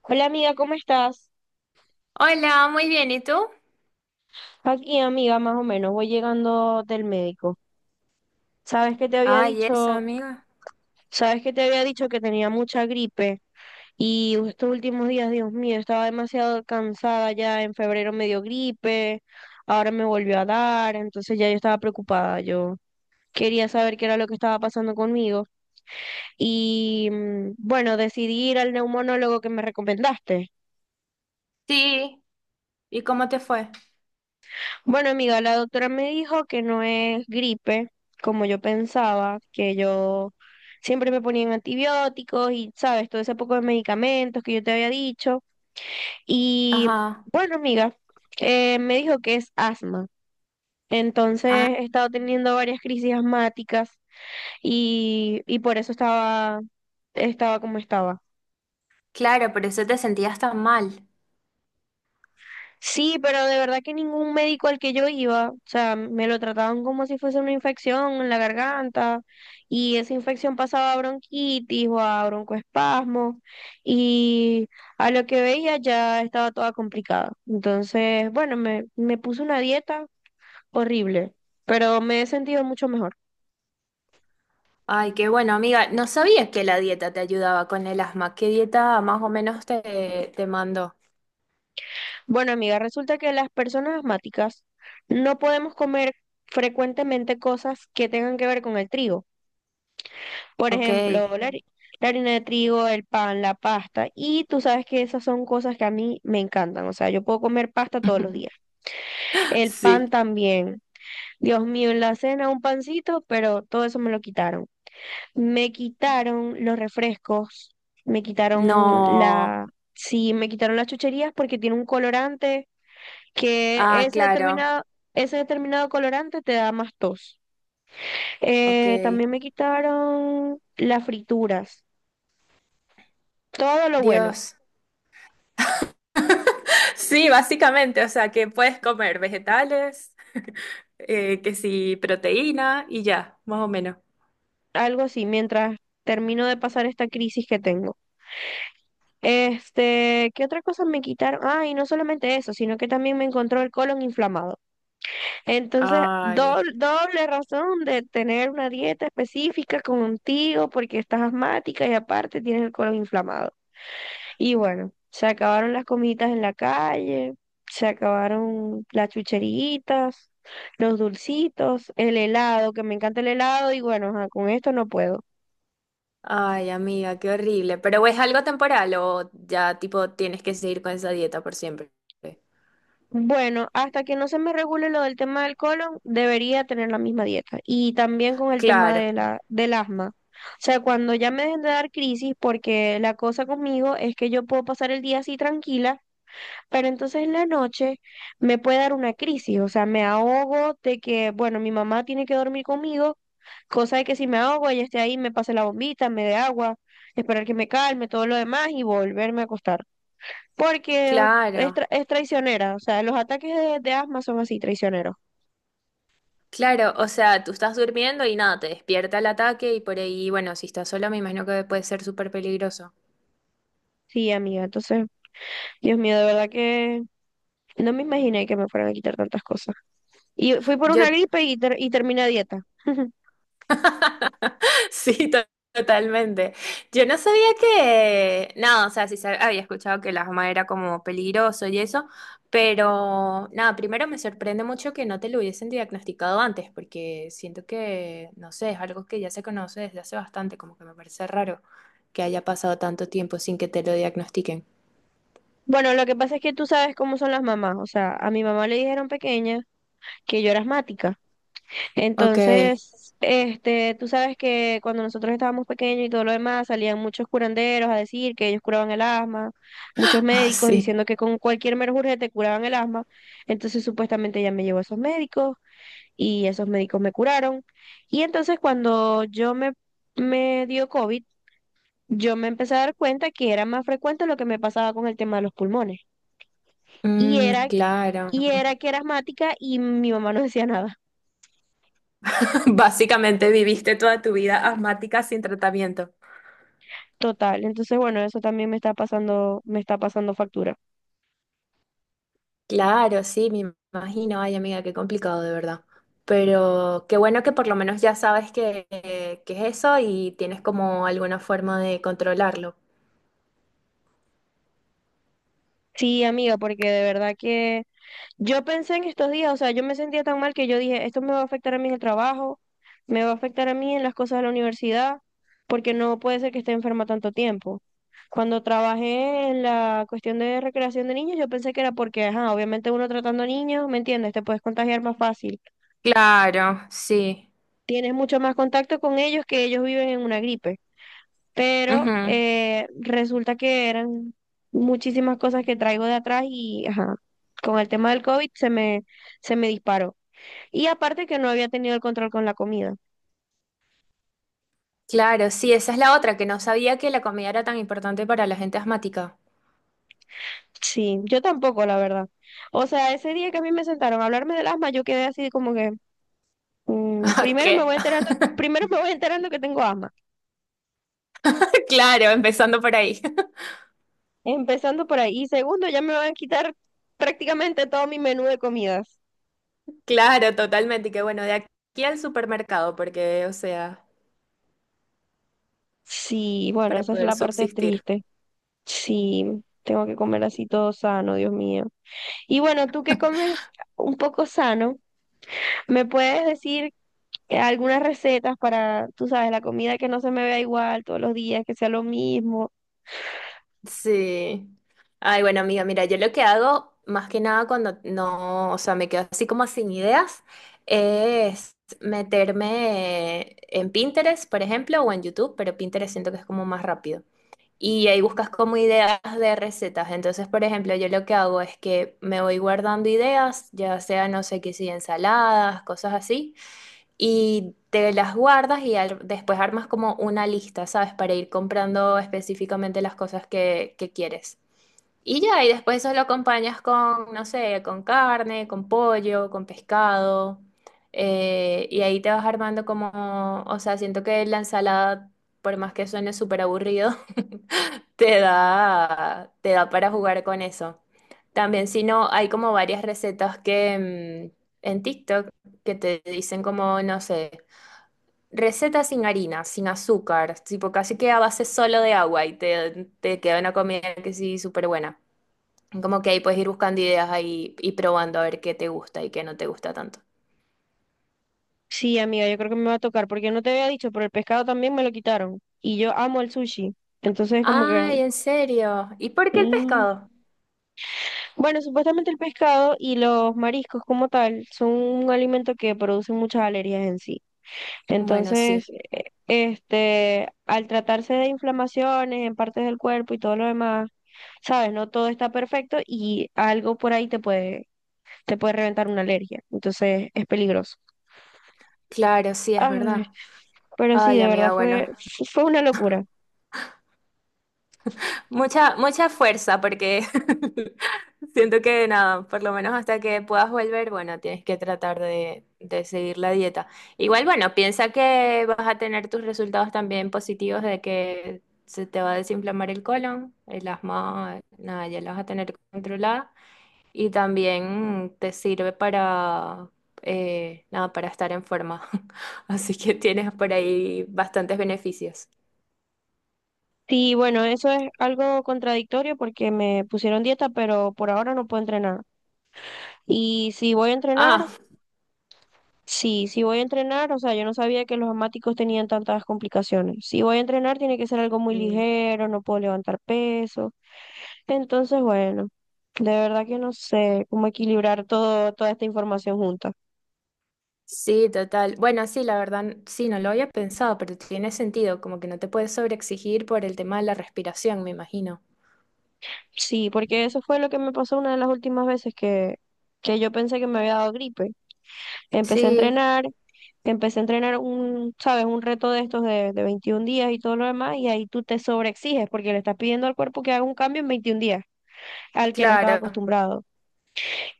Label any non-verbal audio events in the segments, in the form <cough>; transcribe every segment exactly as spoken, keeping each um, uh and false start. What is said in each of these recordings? Hola amiga, ¿cómo estás? Hola, muy bien, ¿y tú? Aquí amiga, más o menos, voy llegando del médico. ¿Sabes que te había Ay, eso, dicho? amiga. ¿Sabes que te había dicho que tenía mucha gripe? Y estos últimos días, Dios mío, estaba demasiado cansada ya. En febrero me dio gripe, ahora me volvió a dar, entonces ya yo estaba preocupada. Yo quería saber qué era lo que estaba pasando conmigo. Y mm, bueno, decidí ir al neumonólogo que me recomendaste. Sí. ¿Y cómo te fue? Bueno, amiga, la doctora me dijo que no es gripe, como yo pensaba, que yo siempre me ponían antibióticos y, sabes, todo ese poco de medicamentos que yo te había dicho. Y Ajá. bueno, amiga, eh, me dijo que es asma. Ah, Entonces he estado teniendo varias crisis asmáticas y, y por eso estaba, estaba como estaba. claro, por eso te sentías tan mal. Sí, pero de verdad que ningún médico al que yo iba, o sea, me lo trataban como si fuese una infección en la garganta y esa infección pasaba a bronquitis o a broncoespasmo y a lo que veía ya estaba toda complicada. Entonces, bueno, me, me puse una dieta horrible, pero me he sentido mucho mejor. Ay, qué bueno, amiga. No sabía que la dieta te ayudaba con el asma. ¿Qué dieta más o menos te, te mandó? Bueno, amiga, resulta que las personas asmáticas no podemos comer frecuentemente cosas que tengan que ver con el trigo. Por Ok. ejemplo, la, hari- la harina de trigo, el pan, la pasta. Y tú sabes que esas son cosas que a mí me encantan. O sea, yo puedo comer pasta todos los <laughs> días. El Sí. pan también. Dios mío, en la cena un pancito, pero todo eso me lo quitaron. Me quitaron los refrescos. Me quitaron No. la... Sí, me quitaron las chucherías porque tiene un colorante que Ah, ese claro. determinado, ese determinado colorante te da más tos. Eh, Ok. También me quitaron las frituras. Todo lo bueno. Dios. Sí, básicamente, o sea, que puedes comer vegetales, eh, que sí, proteína y ya, más o menos. Algo así, mientras termino de pasar esta crisis que tengo. Este, ¿qué otra cosa me quitaron? Ah, y no solamente eso, sino que también me encontró el colon inflamado. Entonces, Ay. doble, doble razón de tener una dieta específica contigo porque estás asmática y aparte tienes el colon inflamado. Y bueno, se acabaron las comiditas en la calle, se acabaron las chucheritas, los dulcitos, el helado, que me encanta el helado y bueno, ajá, con esto no puedo. Ay, amiga, qué horrible. Pero ¿es algo temporal o ya tipo tienes que seguir con esa dieta por siempre? Bueno, hasta que no se me regule lo del tema del colon, debería tener la misma dieta. Y también con el tema Claro, de la, del asma. O sea, cuando ya me dejen de dar crisis, porque la cosa conmigo es que yo puedo pasar el día así tranquila, pero entonces en la noche me puede dar una crisis. O sea, me ahogo de que, bueno, mi mamá tiene que dormir conmigo, cosa de que si me ahogo, ella esté ahí, me pase la bombita, me dé agua, esperar que me calme, todo lo demás y volverme a acostar porque es, claro, tra- es traicionera, o sea, los ataques de, de asma son así, traicioneros. claro. O sea, tú estás durmiendo y nada, te despierta el ataque y por ahí, bueno, si estás sola me imagino que puede ser súper peligroso. Sí, amiga, entonces, Dios mío, de verdad que no me imaginé que me fueran a quitar tantas cosas. Y fui por Yo una gripe y, ter- y terminé a dieta. <laughs> sí, to- totalmente. Yo no sabía que, no, o sea, sí sab- había escuchado que el asma era como peligroso y eso, pero nada, primero me sorprende mucho que no te lo hubiesen diagnosticado antes, porque siento que, no sé, es algo que ya se conoce desde hace bastante, como que me parece raro que haya pasado tanto tiempo sin que te lo diagnostiquen. Bueno, lo que pasa es que tú sabes cómo son las mamás, o sea, a mi mamá le dijeron pequeña que yo era asmática. Ok, <laughs> Entonces, este, tú sabes que cuando nosotros estábamos pequeños y todo lo demás, salían muchos curanderos a decir que ellos curaban el asma, muchos ah, médicos sí. diciendo que con cualquier menjurje te curaban el asma. Entonces, supuestamente ella me llevó a esos médicos y esos médicos me curaron. Y entonces, cuando yo me, me dio COVID, yo me empecé a dar cuenta que era más frecuente lo que me pasaba con el tema de los pulmones. Y Mm, era, claro. y <laughs> era que era asmática y mi mamá no decía nada. Básicamente viviste toda tu vida asmática sin tratamiento. Total, entonces bueno, eso también me está pasando, me está pasando factura. Claro, sí, me imagino. Ay, amiga, qué complicado de verdad. Pero qué bueno que por lo menos ya sabes que, eh, que es eso y tienes como alguna forma de controlarlo. Sí, amiga, porque de verdad que yo pensé en estos días, o sea, yo me sentía tan mal que yo dije, esto me va a afectar a mí en el trabajo, me va a afectar a mí en las cosas de la universidad, porque no puede ser que esté enferma tanto tiempo. Cuando trabajé en la cuestión de recreación de niños, yo pensé que era porque, ajá, obviamente uno tratando niños, ¿me entiendes? Te puedes contagiar más fácil. Claro, sí. Tienes mucho más contacto con ellos que ellos viven en una gripe. Pero Ujú. eh, resulta que eran muchísimas cosas que traigo de atrás y ajá, con el tema del COVID se me, se me disparó. Y aparte que no había tenido el control con la comida. Claro, sí, esa es la otra, que no sabía que la comida era tan importante para la gente asmática. Sí, yo tampoco, la verdad. O sea, ese día que a mí me sentaron a hablarme del asma, yo quedé así como que, mm, <laughs> primero me ¿Qué? voy enterando, primero me voy enterando que tengo asma, <laughs> Claro, empezando por ahí. <laughs> empezando por ahí. Y segundo, ya me van a quitar prácticamente todo mi menú de comidas. Claro, totalmente. Y que bueno, de aquí al supermercado, porque, o sea, Sí, bueno, para esa es poder la parte subsistir. triste. Sí, tengo que comer así todo sano, Dios mío. Y bueno, tú que comes un poco sano, ¿me puedes decir eh, algunas recetas para, tú sabes, la comida que no se me vea igual todos los días, que sea lo mismo? Sí. Ay, bueno, amiga, mira, yo lo que hago más que nada cuando no, o sea, me quedo así como sin ideas, es meterme en Pinterest, por ejemplo, o en YouTube, pero Pinterest siento que es como más rápido. Y ahí buscas como ideas de recetas. Entonces, por ejemplo, yo lo que hago es que me voy guardando ideas, ya sea, no sé qué, si ensaladas, cosas así y te las guardas y al- después armas como una lista, ¿sabes? Para ir comprando específicamente las cosas que, que quieres. Y ya, y después eso lo acompañas con, no sé, con carne, con pollo, con pescado. Eh, y ahí te vas armando como, o sea, siento que la ensalada, por más que suene súper aburrido, <laughs> te da, te da para jugar con eso. También, si no, hay como varias recetas que mm, en TikTok que te dicen como, no sé. Receta sin harina, sin azúcar, tipo casi que a base solo de agua y te, te queda una comida que sí, súper buena. Como que ahí puedes ir buscando ideas ahí y probando a ver qué te gusta y qué no te gusta tanto. Sí, amiga, yo creo que me va a tocar, porque no te había dicho, pero el pescado también me lo quitaron. Y yo amo el sushi. Entonces, como que... Ay, en serio. ¿Y por qué el mm. pescado? Bueno, supuestamente el pescado y los mariscos como tal son un alimento que produce muchas alergias en sí. Bueno, Entonces, sí, eh, este, al tratarse de inflamaciones en partes del cuerpo y todo lo demás, sabes, no todo está perfecto y algo por ahí te puede, te puede reventar una alergia. Entonces, es peligroso. claro, sí, es Ay, verdad. pero sí, Ay, de verdad amiga, bueno, fue, fue una locura. mucha, mucha fuerza, porque <laughs> siento que nada, por lo menos hasta que puedas volver, bueno, tienes que tratar de, de seguir la dieta. Igual, bueno, piensa que vas a tener tus resultados también positivos de que se te va a desinflamar el colon, el asma, nada, ya lo vas a tener controlada. Y también te sirve para, eh, nada, para estar en forma. <laughs> Así que tienes por ahí bastantes beneficios. Sí, bueno, eso es algo contradictorio porque me pusieron dieta, pero por ahora no puedo entrenar. Y si voy a entrenar, Ah. sí, si voy a entrenar, o sea, yo no sabía que los asmáticos tenían tantas complicaciones. Si voy a entrenar, tiene que ser algo muy ligero, no puedo levantar peso. Entonces, bueno, de verdad que no sé cómo equilibrar todo, toda esta información junta. Sí, total. Bueno, sí, la verdad, sí, no lo había pensado, pero tiene sentido, como que no te puedes sobreexigir por el tema de la respiración, me imagino. Sí, porque eso fue lo que me pasó una de las últimas veces que, que yo pensé que me había dado gripe. Empecé a Sí, entrenar, Empecé a entrenar un, sabes, un reto de estos de, de veintiún días y todo lo demás, y ahí tú te sobreexiges porque le estás pidiendo al cuerpo que haga un cambio en veintiún días al que no estaba claro. acostumbrado.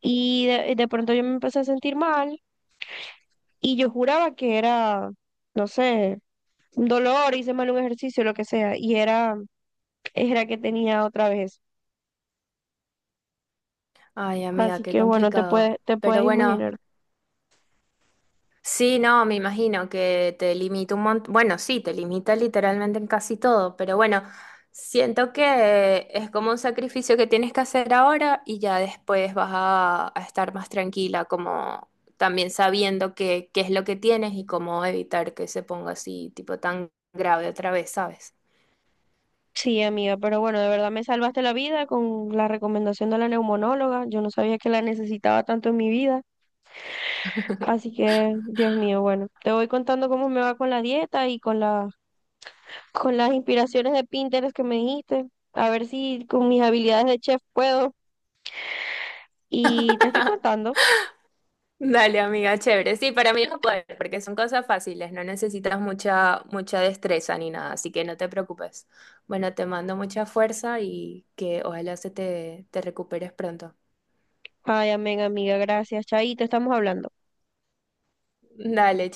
Y de, de pronto yo me empecé a sentir mal y yo juraba que era, no sé, un dolor, hice mal un ejercicio, lo que sea, y era, era que tenía otra vez. Ay, amiga, Así qué que bueno, te complicado. puedes, te puedes Pero bueno, imaginar. sí, no, me imagino que te limita un montón. Bueno, sí, te limita literalmente en casi todo, pero bueno, siento que es como un sacrificio que tienes que hacer ahora y ya después vas a, a estar más tranquila, como también sabiendo qué qué es lo que tienes y cómo evitar que se ponga así, tipo tan grave otra vez, ¿sabes? Sí, amiga, pero bueno, de verdad me salvaste la vida con la recomendación de la neumonóloga. Yo no sabía que la necesitaba tanto en mi vida. Así que, Dios mío, bueno, te voy contando cómo me va con la dieta y con la, con las inspiraciones de Pinterest que me dijiste. A ver si con mis habilidades de chef puedo. Y te estoy contando. Dale, amiga, chévere. Sí, para mí es un poder, porque son cosas fáciles, no necesitas mucha, mucha destreza ni nada, así que no te preocupes. Bueno, te mando mucha fuerza y que ojalá se te, te recuperes pronto. Ay, amén, amiga, gracias. Chaito, estamos hablando. Dale,